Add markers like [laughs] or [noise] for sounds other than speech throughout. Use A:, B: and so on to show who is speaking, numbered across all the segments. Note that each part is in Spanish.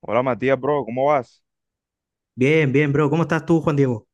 A: Hola Matías, bro, ¿cómo vas?
B: Bien, bien, bro. ¿Cómo estás tú, Juan Diego?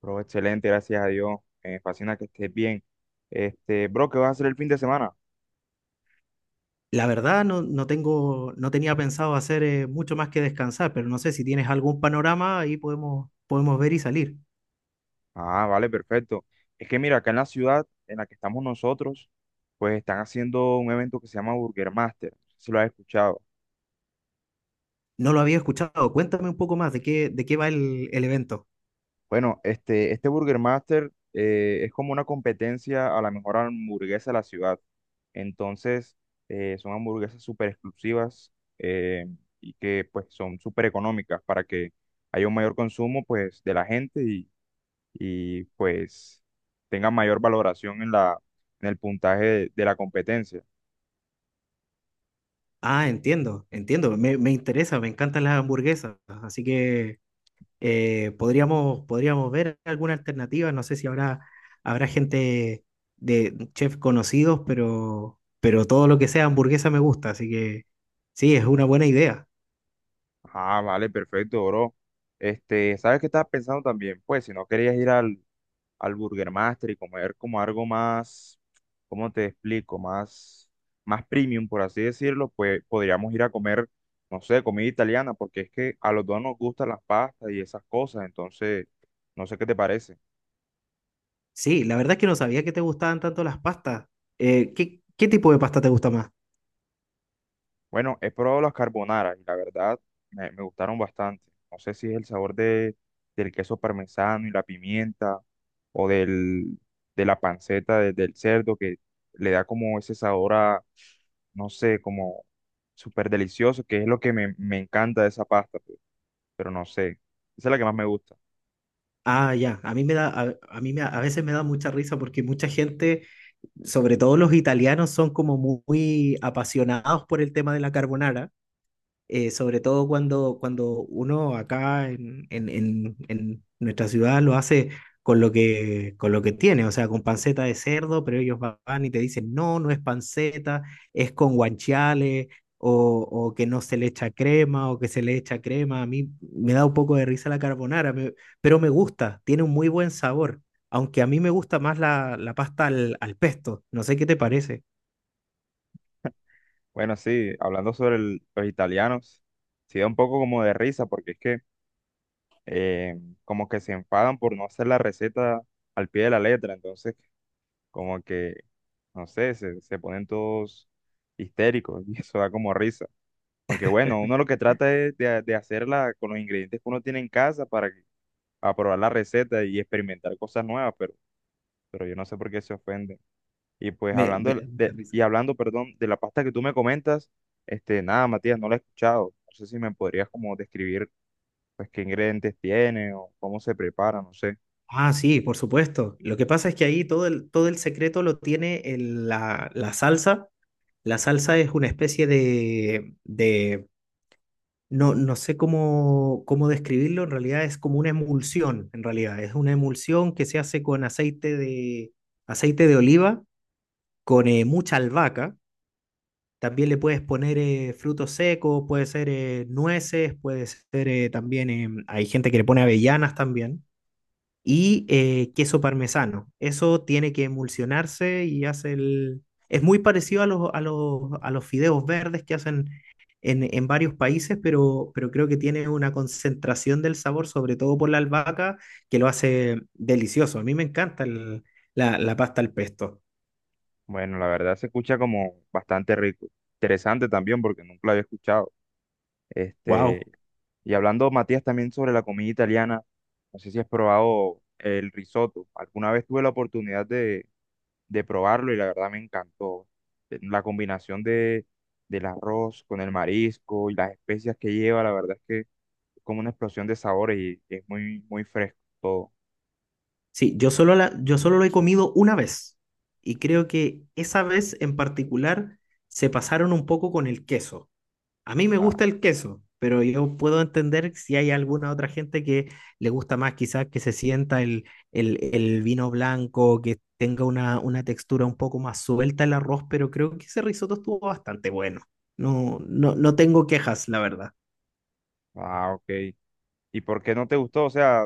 A: Bro, excelente, gracias a Dios. Me fascina que estés bien. Bro, ¿qué vas a hacer el fin de semana?
B: La verdad, no, no tenía pensado hacer mucho más que descansar, pero no sé si tienes algún panorama, ahí podemos ver y salir.
A: Ah, vale, perfecto. Es que mira, acá en la ciudad en la que estamos nosotros, pues están haciendo un evento que se llama Burger Master. No sé si lo has escuchado.
B: No lo había escuchado. Cuéntame un poco más de qué va el evento.
A: Bueno, este Burger Master es como una competencia a la mejor hamburguesa de la ciudad. Entonces, son hamburguesas súper exclusivas eh, y que pues son súper económicas para que haya un mayor consumo pues de la gente y pues tengan mayor valoración en en el puntaje de la competencia.
B: Ah, entiendo, entiendo. Me interesa, me encantan las hamburguesas. Así que podríamos ver alguna alternativa. No sé si habrá gente de chefs conocidos, pero todo lo que sea hamburguesa me gusta. Así que sí, es una buena idea.
A: Ah, vale, perfecto, bro. Este, ¿sabes qué estaba pensando también? Pues si no querías ir al Burger Master y comer como algo más, ¿cómo te explico? Más, más premium, por así decirlo, pues podríamos ir a comer, no sé, comida italiana, porque es que a los dos nos gustan las pastas y esas cosas, entonces, no sé qué te parece.
B: Sí, la verdad es que no sabía que te gustaban tanto las pastas. Qué tipo de pasta te gusta más?
A: Bueno, he probado las carbonara y la verdad me gustaron bastante. No sé si es el sabor de, del queso parmesano y la pimienta o del, de la panceta del cerdo que le da como ese sabor a, no sé, como súper delicioso, que es lo que me encanta de esa pasta, pues, pero no sé. Esa es la que más me gusta.
B: Ah, ya, a mí me, a veces me da mucha risa porque mucha gente, sobre todo los italianos, son como muy, muy apasionados por el tema de la carbonara. Sobre todo cuando uno acá en nuestra ciudad lo hace con lo con lo que tiene, o sea, con panceta de cerdo, pero ellos van y te dicen, no, no es panceta, es con guanciale, o que no se le echa crema, o que se le echa crema. A mí me da un poco de risa la carbonara, pero me gusta, tiene un muy buen sabor, aunque a mí me gusta más la pasta al pesto, no sé qué te parece.
A: Bueno, sí, hablando sobre los italianos, sí da un poco como de risa porque es que eh, como que se enfadan por no hacer la receta al pie de la letra. Entonces, como que, no sé, se ponen todos histéricos [laughs] y eso da como risa. Aunque bueno, uno lo que trata es de hacerla con los ingredientes que uno tiene en casa para que aprobar la receta y experimentar cosas nuevas, pero yo no sé por qué se ofenden. Y pues
B: Me
A: hablando
B: da mucha risa.
A: y hablando, perdón, de la pasta que tú me comentas, este, nada, Matías, no la he escuchado. No sé si me podrías como describir pues qué ingredientes tiene o cómo se prepara, no sé.
B: Ah, sí, por supuesto. Lo que pasa es que ahí todo el secreto lo tiene la salsa. La salsa es una especie de no, no sé cómo describirlo, en realidad es como una emulsión, en realidad. Es una emulsión que se hace con aceite de oliva, con mucha albahaca. También le puedes poner frutos secos, puede ser nueces, puede ser también, hay gente que le pone avellanas también. Y queso parmesano. Eso tiene que emulsionarse y hace el... Es muy parecido a a los fideos verdes que hacen en varios países, pero creo que tiene una concentración del sabor, sobre todo por la albahaca, que lo hace delicioso. A mí me encanta la pasta al pesto.
A: Bueno, la verdad se escucha como bastante rico. Interesante también porque nunca lo había escuchado.
B: Wow.
A: Este, y hablando, Matías, también sobre la comida italiana, no sé si has probado el risotto. Alguna vez tuve la oportunidad de probarlo y la verdad me encantó. La combinación de, del arroz con el marisco y las especias que lleva, la verdad es que es como una explosión de sabores y es muy, muy fresco todo.
B: Sí, yo solo lo he comido una vez y creo que esa vez en particular se pasaron un poco con el queso. A mí me
A: Ah,
B: gusta el queso, pero yo puedo entender si hay alguna otra gente que le gusta más, quizás que se sienta el vino blanco, que tenga una textura un poco más suelta el arroz, pero creo que ese risotto estuvo bastante bueno. No, no, no tengo quejas, la verdad.
A: ah, ok. ¿Y por qué no te gustó? O sea,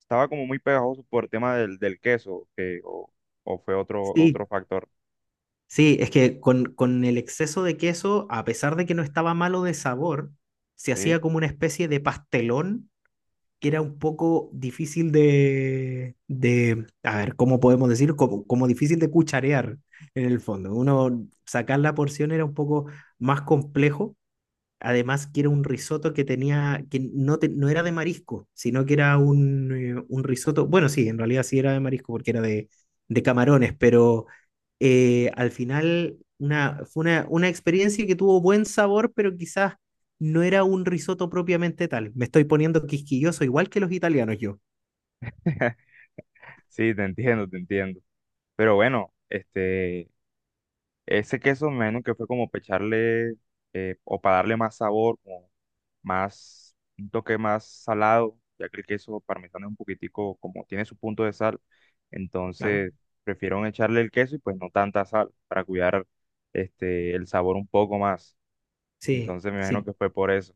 A: estaba como muy pegajoso por el tema del, del queso, que, o fue otro,
B: Sí,
A: otro factor,
B: sí, es que con el exceso de queso, a pesar de que no estaba malo de sabor, se
A: ¿sí?
B: hacía como una especie de pastelón que era un poco difícil de a ver, ¿cómo podemos decirlo? Como, como difícil de cucharear en el fondo. Uno sacar la porción era un poco más complejo. Además, que era un risotto que tenía, que no, no era de marisco, sino que era un risotto. Bueno, sí, en realidad sí era de marisco porque era de camarones, pero al final una experiencia que tuvo buen sabor, pero quizás no era un risotto propiamente tal. Me estoy poniendo quisquilloso, igual que los italianos yo.
A: [laughs] Sí, te entiendo, te entiendo. Pero bueno, este, ese queso me imagino que fue como para echarle o para darle más sabor, como más, un toque más salado, ya que el queso parmesano es un poquitico, como tiene su punto de sal,
B: Claro.
A: entonces prefiero echarle el queso y pues no tanta sal para cuidar este, el sabor un poco más.
B: Sí,
A: Entonces me imagino
B: sí.
A: que fue por eso.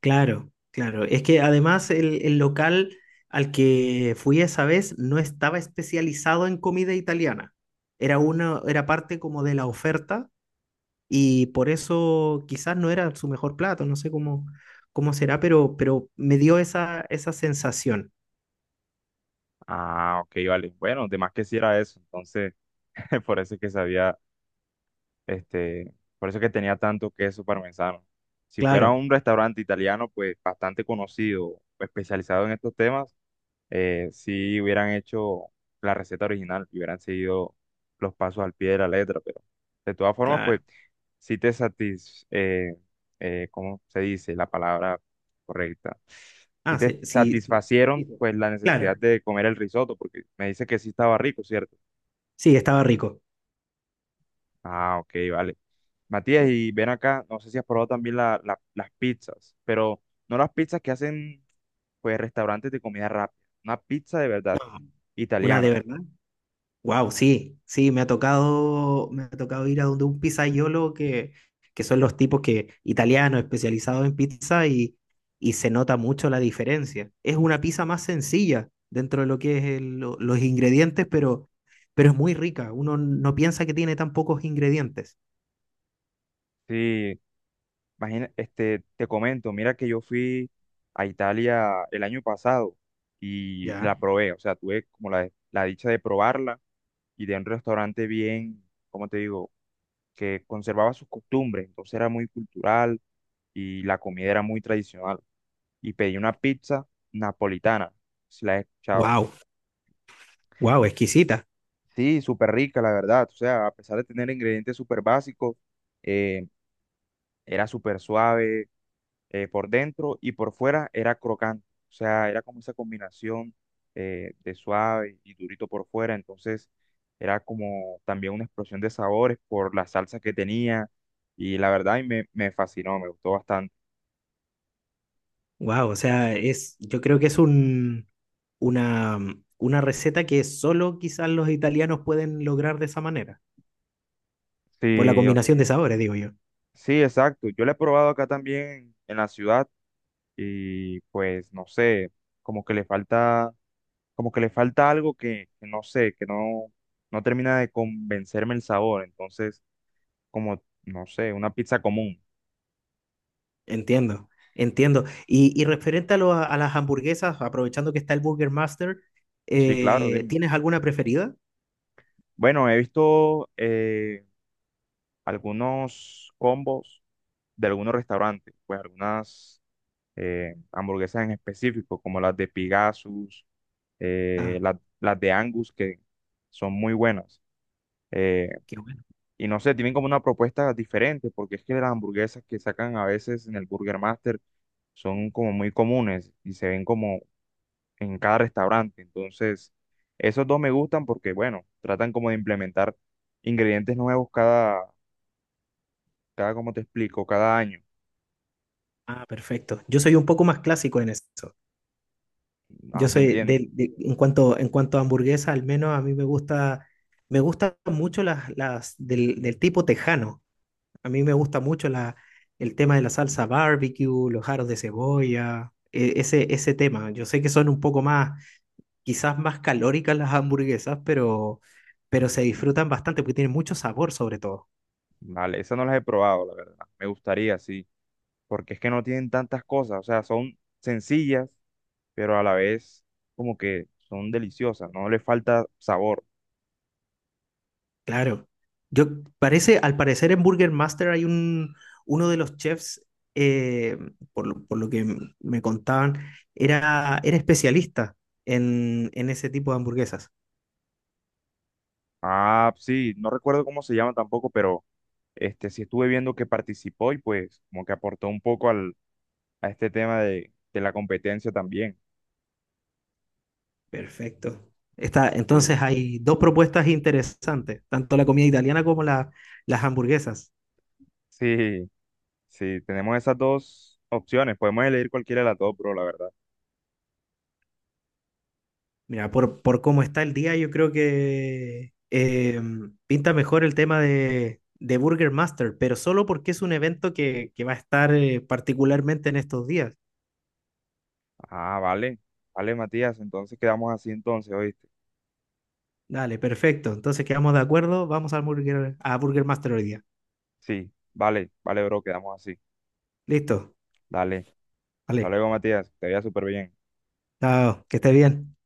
B: Claro, claro. Es que además el local al que fui esa vez no estaba especializado en comida italiana. Era parte como de la oferta y por eso quizás no era su mejor plato, no sé cómo será, pero me dio esa, esa sensación.
A: Ah, ok, vale. Bueno, de más que sí era eso, entonces [laughs] por eso es que sabía. Este, por eso que tenía tanto queso parmesano. Si fuera
B: Claro,
A: un restaurante italiano, pues bastante conocido, especializado en estos temas, sí hubieran hecho la receta original y hubieran seguido los pasos al pie de la letra, pero de todas formas,
B: claro.
A: pues sí te ¿cómo se dice la palabra correcta? Si
B: Ah,
A: te
B: sí, sí, sí, sí,
A: satisfacieron,
B: sí.
A: pues la
B: Claro,
A: necesidad de comer el risotto, porque me dice que sí estaba rico, ¿cierto?
B: sí, estaba rico.
A: Ah, ok, vale. Matías,
B: Sí.
A: y ven acá, no sé si has probado también las pizzas, pero no las pizzas que hacen pues restaurantes de comida rápida, una pizza de verdad
B: Una de
A: italiana.
B: verdad. Wow, sí, sí, me ha tocado ir a donde un pizzaiolo que son los tipos que, italianos, especializados en pizza, y se nota mucho la diferencia. Es una pizza más sencilla dentro de lo que es los ingredientes, pero es muy rica. Uno no piensa que tiene tan pocos ingredientes.
A: Sí, imagina, este, te comento, mira que yo fui a Italia el año pasado y
B: Ya.
A: la probé, o sea, tuve como la dicha de probarla y de un restaurante bien, ¿cómo te digo? Que conservaba sus costumbres, entonces era muy cultural y la comida era muy tradicional. Y pedí una pizza napolitana. Si la he escuchado.
B: Wow, wow, exquisita.
A: Sí, súper rica, la verdad. O sea, a pesar de tener ingredientes súper básicos, eh, era súper suave por dentro y por fuera era crocante. O sea, era como esa combinación de suave y durito por fuera. Entonces, era como también una explosión de sabores por la salsa que tenía. Y la verdad, y me fascinó, me gustó bastante.
B: Wow, o sea, es, yo creo que es una, una receta que solo quizás los italianos pueden lograr de esa manera. Por la
A: Sí, o-
B: combinación de sabores, digo yo.
A: sí, exacto. Yo la he probado acá también en la ciudad y pues no sé, como que le falta, como que le falta algo que no sé, que no, no termina de convencerme el sabor, entonces como, no sé, una pizza común.
B: Entiendo, entiendo. Y referente a, a las hamburguesas, aprovechando que está el Burger Master,
A: Sí, claro, dime.
B: ¿tienes alguna preferida?
A: Bueno, he visto algunos combos de algunos restaurantes, pues algunas hamburguesas en específico, como las de Pegasus,
B: Ah,
A: las de Angus, que son muy buenas. Eh,
B: qué bueno.
A: Y no sé, tienen como una propuesta diferente, porque es que las hamburguesas que sacan a veces en el Burger Master son como muy comunes y se ven como en cada restaurante. Entonces, esos dos me gustan porque, bueno, tratan como de implementar ingredientes nuevos como te explico, cada año.
B: Ah, perfecto. Yo soy un poco más clásico en eso.
A: Ah,
B: Yo
A: te
B: soy
A: entiendo.
B: en en cuanto a hamburguesa, al menos a mí me gusta, me gustan mucho las del tipo tejano. A mí me gusta mucho el tema de la salsa barbecue, los jaros de cebolla, ese tema. Yo sé que son un poco más, quizás más calóricas las hamburguesas, pero se disfrutan bastante porque tienen mucho sabor sobre todo.
A: Vale, esas no las he probado, la verdad. Me gustaría, sí, porque es que no tienen tantas cosas, o sea, son sencillas, pero a la vez como que son deliciosas, no le falta sabor.
B: Claro. Yo parece, al parecer en Burger Master hay un, uno de los chefs, eh, por lo que me contaban, era, era especialista en ese tipo de hamburguesas.
A: Ah, sí, no recuerdo cómo se llama tampoco, pero este sí estuve viendo que participó y pues como que aportó un poco a este tema de la competencia también.
B: Perfecto. Está,
A: Sí,
B: entonces hay dos propuestas interesantes, tanto la comida italiana como las hamburguesas.
A: sí, sí, tenemos esas dos opciones, podemos elegir cualquiera de las dos, bro, la verdad.
B: Mira, por cómo está el día, yo creo que pinta mejor el tema de Burger Master, pero solo porque es un evento que va a estar particularmente en estos días.
A: Ah, vale, vale, Matías, entonces quedamos así entonces, ¿oíste?
B: Dale, perfecto. Entonces quedamos de acuerdo. Vamos al Burger, a Burger Master hoy día.
A: Sí, vale, vale, bro, quedamos así.
B: Listo.
A: Dale, hasta
B: Vale.
A: luego, Matías, que te vea súper bien.
B: Chao. Que esté bien.